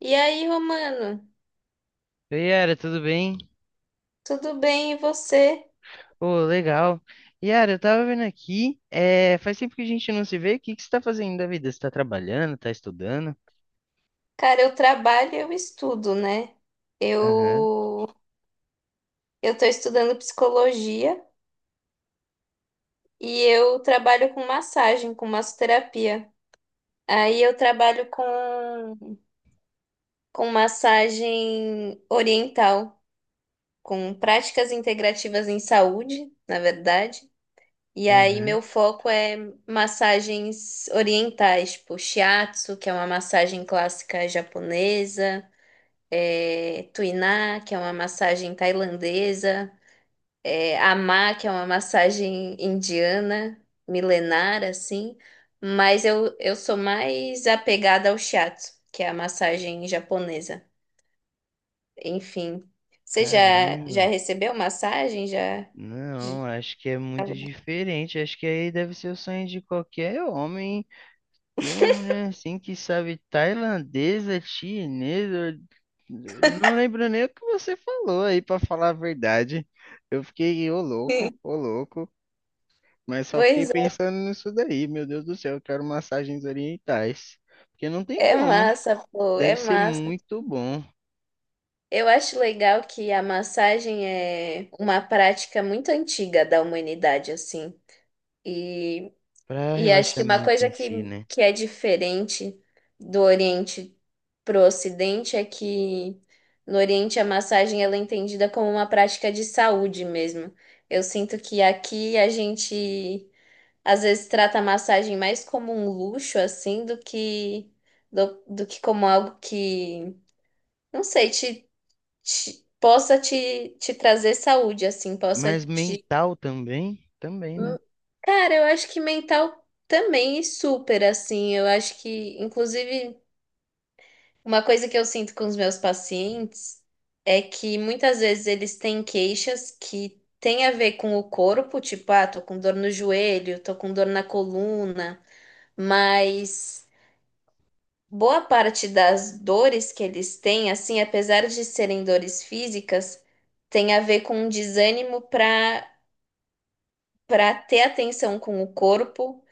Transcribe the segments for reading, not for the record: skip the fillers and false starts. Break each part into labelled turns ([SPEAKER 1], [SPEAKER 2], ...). [SPEAKER 1] E aí, Romano?
[SPEAKER 2] Oi, Yara, tudo bem?
[SPEAKER 1] Tudo bem, e você?
[SPEAKER 2] Ô, legal. Yara, eu tava vendo aqui, faz tempo que a gente não se vê, o que que você tá fazendo da vida? Você tá trabalhando, tá estudando?
[SPEAKER 1] Cara, eu trabalho e eu estudo, né?
[SPEAKER 2] Aham,
[SPEAKER 1] Eu eu tô estudando psicologia e eu trabalho com massagem, com massoterapia. Aí eu trabalho com massagem oriental, com práticas integrativas em saúde, na verdade. E aí
[SPEAKER 2] aham.
[SPEAKER 1] meu foco é massagens orientais, tipo shiatsu, que é uma massagem clássica japonesa. Tuiná, que é uma massagem tailandesa, Amá, que é uma massagem indiana, milenar, assim. Mas eu sou mais apegada ao shiatsu, que é a massagem japonesa. Enfim, você já,
[SPEAKER 2] Caramba.
[SPEAKER 1] já recebeu massagem? Já?
[SPEAKER 2] Não, acho que é muito diferente, acho que aí deve ser o sonho de qualquer homem, ter uma mulher assim que sabe tailandesa, chinesa, não lembro nem o que você falou aí, pra falar a verdade. Eu fiquei, ô louco, ô louco. Mas só fiquei
[SPEAKER 1] Pois
[SPEAKER 2] pensando nisso daí, meu Deus do céu, eu quero massagens orientais. Porque não tem
[SPEAKER 1] é, é
[SPEAKER 2] como.
[SPEAKER 1] massa, pô,
[SPEAKER 2] Deve
[SPEAKER 1] é
[SPEAKER 2] ser
[SPEAKER 1] massa.
[SPEAKER 2] muito bom
[SPEAKER 1] Eu acho legal que a massagem é uma prática muito antiga da humanidade, assim. E
[SPEAKER 2] para
[SPEAKER 1] e acho que uma
[SPEAKER 2] relaxamento
[SPEAKER 1] coisa
[SPEAKER 2] em si,
[SPEAKER 1] que,
[SPEAKER 2] né?
[SPEAKER 1] que é diferente do Oriente para o Ocidente é que no Oriente a massagem ela é entendida como uma prática de saúde mesmo. Eu sinto que aqui a gente às vezes trata a massagem mais como um luxo assim do que do que como algo que, não sei, possa te trazer saúde assim, possa
[SPEAKER 2] Mas
[SPEAKER 1] te...
[SPEAKER 2] mental também? Também, né?
[SPEAKER 1] Hum, cara, eu acho que mental também, super assim. Eu acho que, inclusive, uma coisa que eu sinto com os meus pacientes é que muitas vezes eles têm queixas que têm a ver com o corpo, tipo, ah, tô com dor no joelho, tô com dor na coluna, mas boa parte das dores que eles têm, assim, apesar de serem dores físicas, tem a ver com um desânimo para ter atenção com o corpo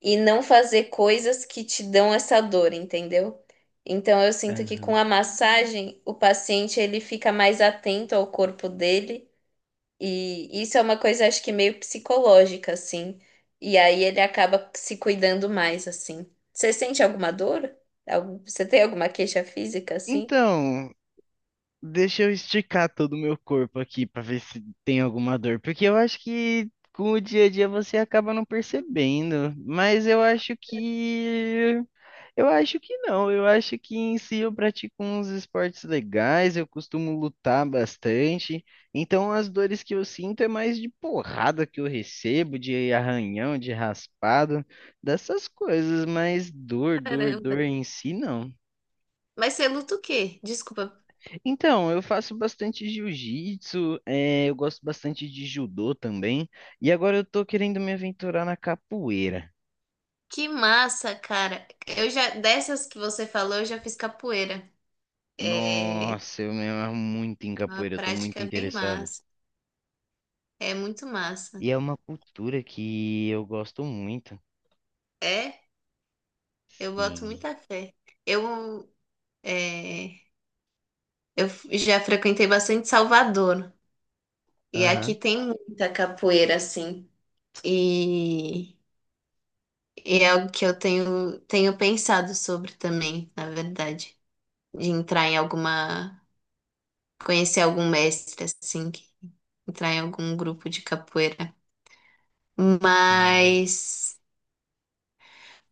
[SPEAKER 1] e não fazer coisas que te dão essa dor, entendeu? Então eu sinto que com
[SPEAKER 2] Aham.
[SPEAKER 1] a massagem o paciente ele fica mais atento ao corpo dele e isso é uma coisa acho que meio psicológica assim. E aí ele acaba se cuidando mais assim. Você sente alguma dor? Algum- Você tem alguma queixa física assim?
[SPEAKER 2] Então, deixa eu esticar todo o meu corpo aqui pra ver se tem alguma dor, porque eu acho que com o dia a dia você acaba não percebendo, mas eu acho que não, eu acho que em si eu pratico uns esportes legais, eu costumo lutar bastante, então as dores que eu sinto é mais de porrada que eu recebo, de arranhão, de raspado, dessas coisas, mas dor, dor,
[SPEAKER 1] Caramba.
[SPEAKER 2] dor em si não.
[SPEAKER 1] Mas você luta o quê? Desculpa.
[SPEAKER 2] Então, eu faço bastante jiu-jitsu, eu gosto bastante de judô também, e agora eu tô querendo me aventurar na capoeira.
[SPEAKER 1] Que massa, cara. Eu já, dessas que você falou, eu já fiz capoeira. É
[SPEAKER 2] Nossa, eu me amo muito em
[SPEAKER 1] uma
[SPEAKER 2] capoeira, eu tô muito
[SPEAKER 1] prática bem
[SPEAKER 2] interessado.
[SPEAKER 1] massa. É muito massa.
[SPEAKER 2] E é uma cultura que eu gosto muito.
[SPEAKER 1] É, eu boto
[SPEAKER 2] Sim.
[SPEAKER 1] muita fé. Eu, é, eu já frequentei bastante Salvador. E aqui tem muita capoeira, assim. E, e é algo que eu tenho pensado sobre também, na verdade. De entrar em alguma. Conhecer algum mestre, assim. Que- Entrar em algum grupo de capoeira.
[SPEAKER 2] Aham.
[SPEAKER 1] Mas.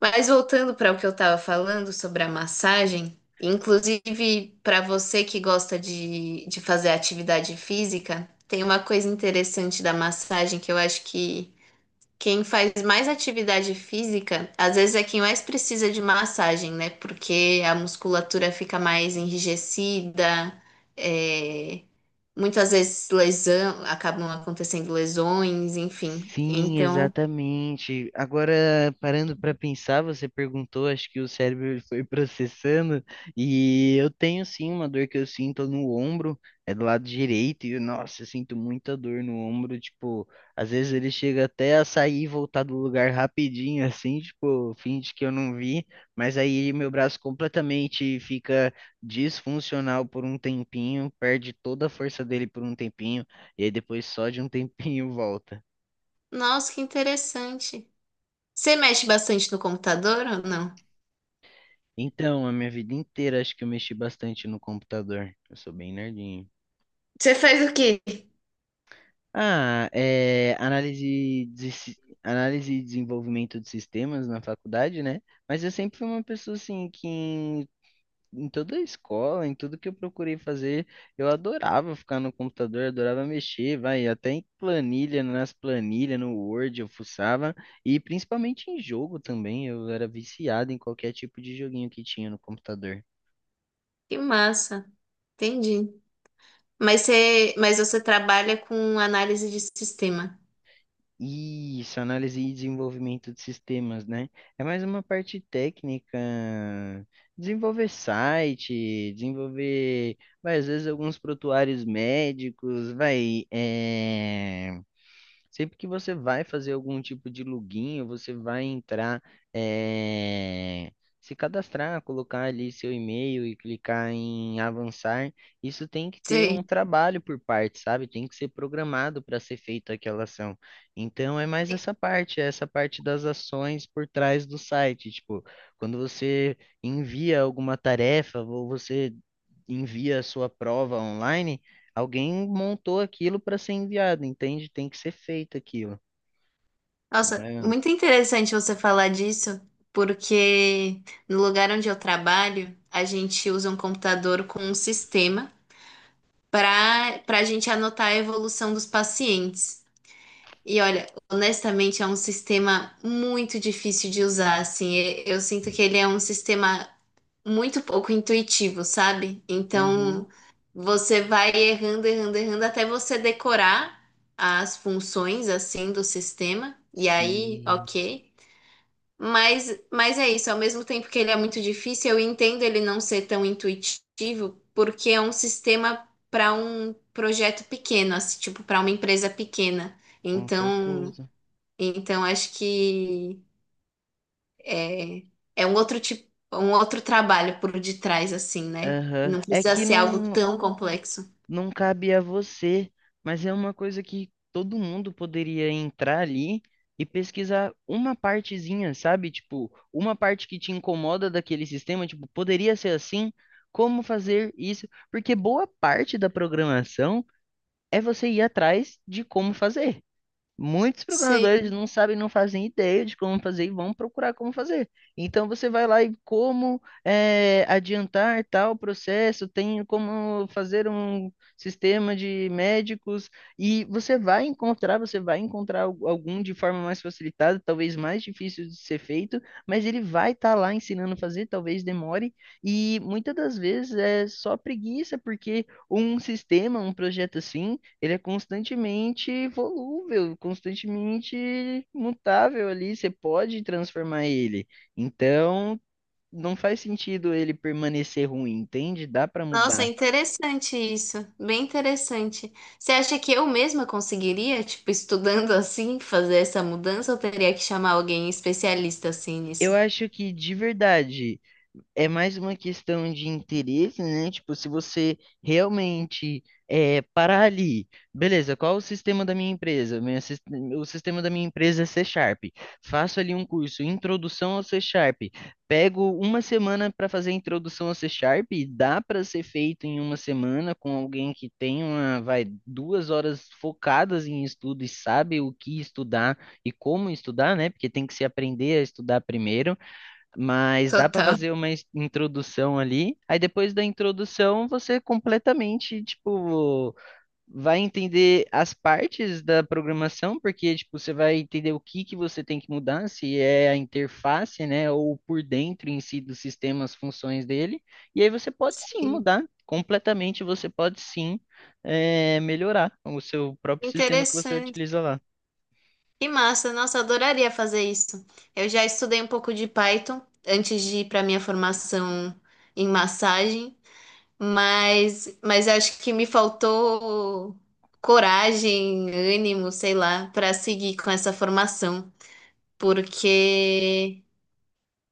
[SPEAKER 1] Mas voltando para o que eu estava falando sobre a massagem, inclusive para você que gosta de fazer atividade física, tem uma coisa interessante da massagem que eu acho que quem faz mais atividade física, às vezes é quem mais precisa de massagem, né? Porque a musculatura fica mais enrijecida, é, muitas vezes lesão, acabam acontecendo lesões, enfim.
[SPEAKER 2] Sim,
[SPEAKER 1] Então,
[SPEAKER 2] exatamente. Agora, parando para pensar, você perguntou, acho que o cérebro ele foi processando, e eu tenho sim uma dor que eu sinto no ombro, é do lado direito, e nossa, eu sinto muita dor no ombro, tipo, às vezes ele chega até a sair e voltar do lugar rapidinho, assim, tipo, finge que eu não vi, mas aí meu braço completamente fica disfuncional por um tempinho, perde toda a força dele por um tempinho, e aí depois só de um tempinho volta.
[SPEAKER 1] nossa, que interessante. Você mexe bastante no computador ou não?
[SPEAKER 2] Então, a minha vida inteira acho que eu mexi bastante no computador. Eu sou bem nerdinho.
[SPEAKER 1] Você faz o quê?
[SPEAKER 2] Ah, é, análise e desenvolvimento de sistemas na faculdade, né? Mas eu sempre fui uma pessoa assim que em toda a escola, em tudo que eu procurei fazer, eu adorava ficar no computador, adorava mexer, vai, até em planilha, nas planilhas, no Word eu fuçava, e principalmente em jogo também, eu era viciado em qualquer tipo de joguinho que tinha no computador.
[SPEAKER 1] Que massa, entendi. Mas você trabalha com análise de sistema.
[SPEAKER 2] Isso, análise e desenvolvimento de sistemas, né? É mais uma parte técnica, desenvolver site, desenvolver, vai, às vezes alguns prontuários médicos, vai, sempre que você vai fazer algum tipo de login, ou você vai entrar, eh, se cadastrar, colocar ali seu e-mail e clicar em avançar, isso tem que ter um
[SPEAKER 1] Sei.
[SPEAKER 2] trabalho por parte, sabe? Tem que ser programado para ser feita aquela ação. Então é mais essa parte, é essa parte das ações por trás do site. Tipo, quando você envia alguma tarefa ou você envia a sua prova online, alguém montou aquilo para ser enviado, entende? Tem que ser feito aquilo, não
[SPEAKER 1] Nossa,
[SPEAKER 2] é?
[SPEAKER 1] muito interessante você falar disso, porque no lugar onde eu trabalho, a gente usa um computador com um sistema para a gente anotar a evolução dos pacientes. E olha, honestamente, é um sistema muito difícil de usar, assim. E- Eu sinto que ele é um sistema muito pouco intuitivo, sabe?
[SPEAKER 2] Uhum.
[SPEAKER 1] Então você vai errando, errando, errando até você decorar as funções assim do sistema. E aí,
[SPEAKER 2] Sim,
[SPEAKER 1] ok. Mas é isso, ao mesmo tempo que ele é muito difícil, eu entendo ele não ser tão intuitivo, porque é um sistema para um projeto pequeno, assim, tipo, para uma empresa pequena.
[SPEAKER 2] com
[SPEAKER 1] Então,
[SPEAKER 2] certeza.
[SPEAKER 1] então acho que é, é um outro tipo, um outro trabalho por detrás, assim, né?
[SPEAKER 2] Aham.
[SPEAKER 1] Não
[SPEAKER 2] É
[SPEAKER 1] precisa
[SPEAKER 2] que
[SPEAKER 1] ser algo
[SPEAKER 2] não,
[SPEAKER 1] tão complexo.
[SPEAKER 2] não cabe a você, mas é uma coisa que todo mundo poderia entrar ali e pesquisar uma partezinha, sabe? Tipo, uma parte que te incomoda daquele sistema, tipo, poderia ser assim, como fazer isso? Porque boa parte da programação é você ir atrás de como fazer. Muitos programadores
[SPEAKER 1] Sei.
[SPEAKER 2] não sabem, não fazem ideia de como fazer e vão procurar como fazer. Então você vai lá e como adiantar tal processo, tem como fazer um sistema de médicos e você vai encontrar algum de forma mais facilitada, talvez mais difícil de ser feito, mas ele vai estar lá ensinando a fazer, talvez demore e muitas das vezes é só preguiça porque um sistema, um projeto assim ele é constantemente volúvel, constantemente mutável ali, você pode transformar ele. Então, não faz sentido ele permanecer ruim, entende? Dá para
[SPEAKER 1] Nossa, é
[SPEAKER 2] mudar.
[SPEAKER 1] interessante isso. Bem interessante. Você acha que eu mesma conseguiria, tipo, estudando assim, fazer essa mudança ou teria que chamar alguém especialista assim
[SPEAKER 2] Eu
[SPEAKER 1] nisso?
[SPEAKER 2] acho que de verdade é mais uma questão de interesse, né? Tipo, se você realmente parar ali, beleza, qual o sistema da minha empresa? O sistema da minha empresa é C Sharp. Faço ali um curso, introdução ao C Sharp. Pego uma semana para fazer a introdução ao C Sharp, e dá para ser feito em uma semana com alguém que tem uma, vai, 2 horas focadas em estudo e sabe o que estudar e como estudar, né? Porque tem que se aprender a estudar primeiro. Mas dá para
[SPEAKER 1] Total.
[SPEAKER 2] fazer uma introdução ali. Aí depois da introdução, você completamente, tipo, vai entender as partes da programação, porque tipo, você vai entender o que que você tem que mudar, se é a interface, né, ou por dentro em si do sistema, as funções dele. E aí você pode sim mudar completamente, você pode sim melhorar o seu próprio sistema que você
[SPEAKER 1] Interessante.
[SPEAKER 2] utiliza lá.
[SPEAKER 1] Que massa. Nossa, adoraria fazer isso. Eu já estudei um pouco de Python antes de ir para minha formação em massagem. Mas acho que me faltou coragem, ânimo, sei lá, para seguir com essa formação, porque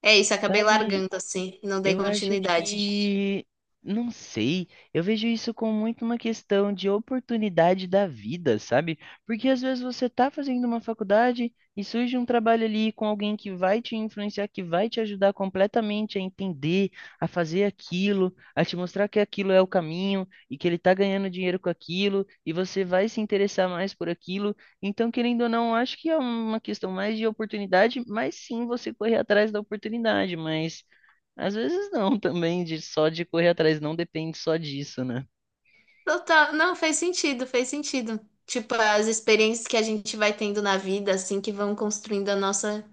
[SPEAKER 1] é isso, acabei
[SPEAKER 2] Sabe,
[SPEAKER 1] largando assim, não dei
[SPEAKER 2] eu acho
[SPEAKER 1] continuidade.
[SPEAKER 2] que não sei. Eu vejo isso como muito uma questão de oportunidade da vida, sabe? Porque às vezes você tá fazendo uma faculdade e surge um trabalho ali com alguém que vai te influenciar, que vai te ajudar completamente a entender, a fazer aquilo, a te mostrar que aquilo é o caminho e que ele tá ganhando dinheiro com aquilo e você vai se interessar mais por aquilo. Então, querendo ou não, acho que é uma questão mais de oportunidade, mas sim você correr atrás da oportunidade, mas às vezes não, também, de só de correr atrás, não depende só disso, né?
[SPEAKER 1] Total, não fez sentido, fez sentido. Tipo, as experiências que a gente vai tendo na vida, assim, que vão construindo a nossa,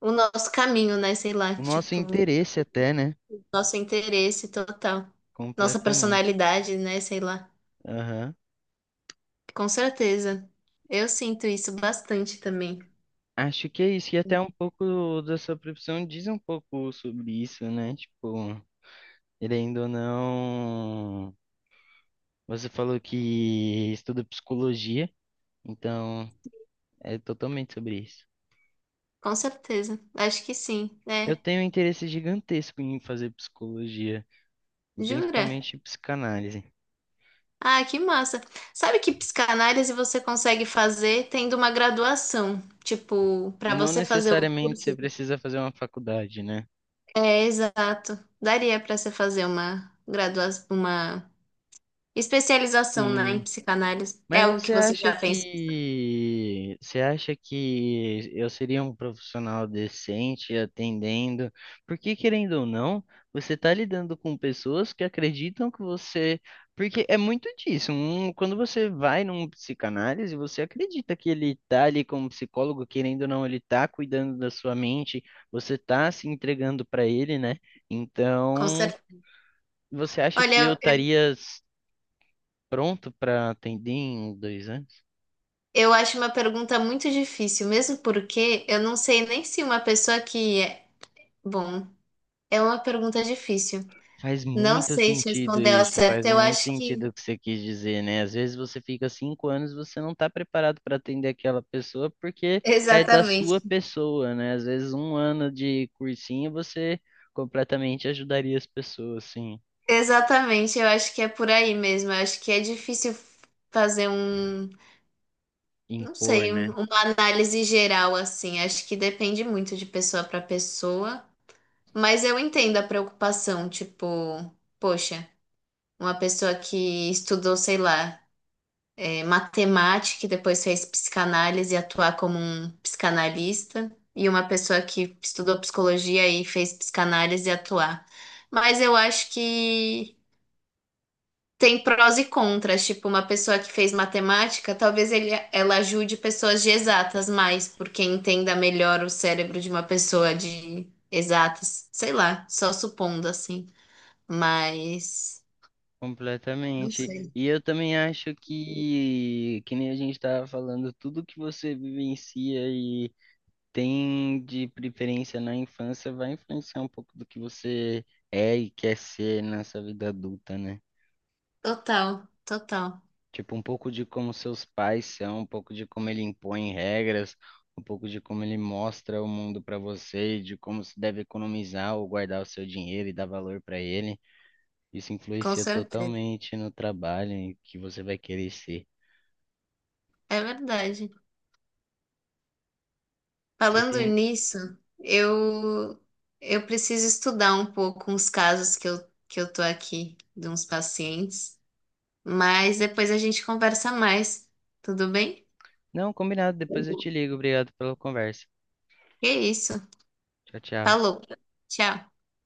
[SPEAKER 1] o nosso caminho, né? Sei lá,
[SPEAKER 2] O nosso
[SPEAKER 1] tipo,
[SPEAKER 2] interesse até, né?
[SPEAKER 1] nosso interesse total, nossa
[SPEAKER 2] Completamente.
[SPEAKER 1] personalidade, né? Sei lá.
[SPEAKER 2] Aham.
[SPEAKER 1] Com certeza. Eu sinto isso bastante também.
[SPEAKER 2] Acho que é isso. E até um pouco da sua profissão diz um pouco sobre isso, né? Tipo, querendo ou não, você falou que estuda psicologia, então é totalmente sobre isso.
[SPEAKER 1] Com certeza. Acho que sim.
[SPEAKER 2] Eu
[SPEAKER 1] É.
[SPEAKER 2] tenho um interesse gigantesco em fazer psicologia,
[SPEAKER 1] Jura?
[SPEAKER 2] principalmente psicanálise.
[SPEAKER 1] Ah, que massa. Sabe que psicanálise você consegue fazer tendo uma graduação? Tipo, para
[SPEAKER 2] Não
[SPEAKER 1] você fazer o
[SPEAKER 2] necessariamente você
[SPEAKER 1] curso de...
[SPEAKER 2] precisa fazer uma faculdade, né?
[SPEAKER 1] É, exato. Daria para você fazer uma graduação, uma especialização, né, em
[SPEAKER 2] Sim,
[SPEAKER 1] psicanálise. É
[SPEAKER 2] mas
[SPEAKER 1] algo que você já pensa?
[SPEAKER 2] você acha que eu seria um profissional decente atendendo? Porque querendo ou não, você está lidando com pessoas que acreditam que você, porque é muito disso. Quando você vai num psicanálise, você acredita que ele está ali como psicólogo, querendo ou não, ele está cuidando da sua mente, você está se entregando para ele, né?
[SPEAKER 1] Com
[SPEAKER 2] Então,
[SPEAKER 1] certeza.
[SPEAKER 2] você acha que eu
[SPEAKER 1] Olha,
[SPEAKER 2] estaria pronto para atender em 2 anos?
[SPEAKER 1] eu acho uma pergunta muito difícil, mesmo porque eu não sei nem se uma pessoa que é. Bom, é uma pergunta difícil.
[SPEAKER 2] Faz
[SPEAKER 1] Não
[SPEAKER 2] muito
[SPEAKER 1] sei te
[SPEAKER 2] sentido
[SPEAKER 1] responder ao
[SPEAKER 2] isso,
[SPEAKER 1] certo.
[SPEAKER 2] faz
[SPEAKER 1] Eu
[SPEAKER 2] muito
[SPEAKER 1] acho
[SPEAKER 2] sentido
[SPEAKER 1] que.
[SPEAKER 2] o que você quis dizer, né? Às vezes você fica 5 anos, você não está preparado para atender aquela pessoa porque é da
[SPEAKER 1] Exatamente.
[SPEAKER 2] sua pessoa, né? Às vezes um ano de cursinho você completamente ajudaria as pessoas, assim,
[SPEAKER 1] Exatamente. Eu acho que é por aí mesmo. Eu acho que é difícil fazer um. Não
[SPEAKER 2] impor,
[SPEAKER 1] sei, um-
[SPEAKER 2] né?
[SPEAKER 1] uma análise geral assim. Acho que depende muito de pessoa para pessoa. Mas eu entendo a preocupação. Tipo, poxa, uma pessoa que estudou, sei lá. É, matemática, que depois fez psicanálise e atuar como um psicanalista, e uma pessoa que estudou psicologia e fez psicanálise e atuar. Mas eu acho que tem prós e contras, tipo, uma pessoa que fez matemática, talvez ele, ela ajude pessoas de exatas mais, porque entenda melhor o cérebro de uma pessoa de exatas, sei lá, só supondo assim, mas não
[SPEAKER 2] Completamente.
[SPEAKER 1] sei.
[SPEAKER 2] E eu também acho que nem a gente estava falando, tudo que você vivencia e tem de preferência na infância vai influenciar um pouco do que você é e quer ser nessa vida adulta, né?
[SPEAKER 1] Total, total,
[SPEAKER 2] Tipo, um pouco de como seus pais são, um pouco de como ele impõe regras, um pouco de como ele mostra o mundo para você, de como se deve economizar ou guardar o seu dinheiro e dar valor para ele. Isso
[SPEAKER 1] com
[SPEAKER 2] influencia
[SPEAKER 1] certeza.
[SPEAKER 2] totalmente no trabalho e que você vai querer ser.
[SPEAKER 1] É verdade.
[SPEAKER 2] Você
[SPEAKER 1] Falando
[SPEAKER 2] tem...
[SPEAKER 1] nisso, eu eu preciso estudar um pouco uns casos que eu tô aqui de uns pacientes, mas depois a gente conversa mais. Tudo bem?
[SPEAKER 2] Não, combinado. Depois eu te ligo. Obrigado pela conversa.
[SPEAKER 1] Que isso.
[SPEAKER 2] Tchau, tchau.
[SPEAKER 1] Falou. Tchau.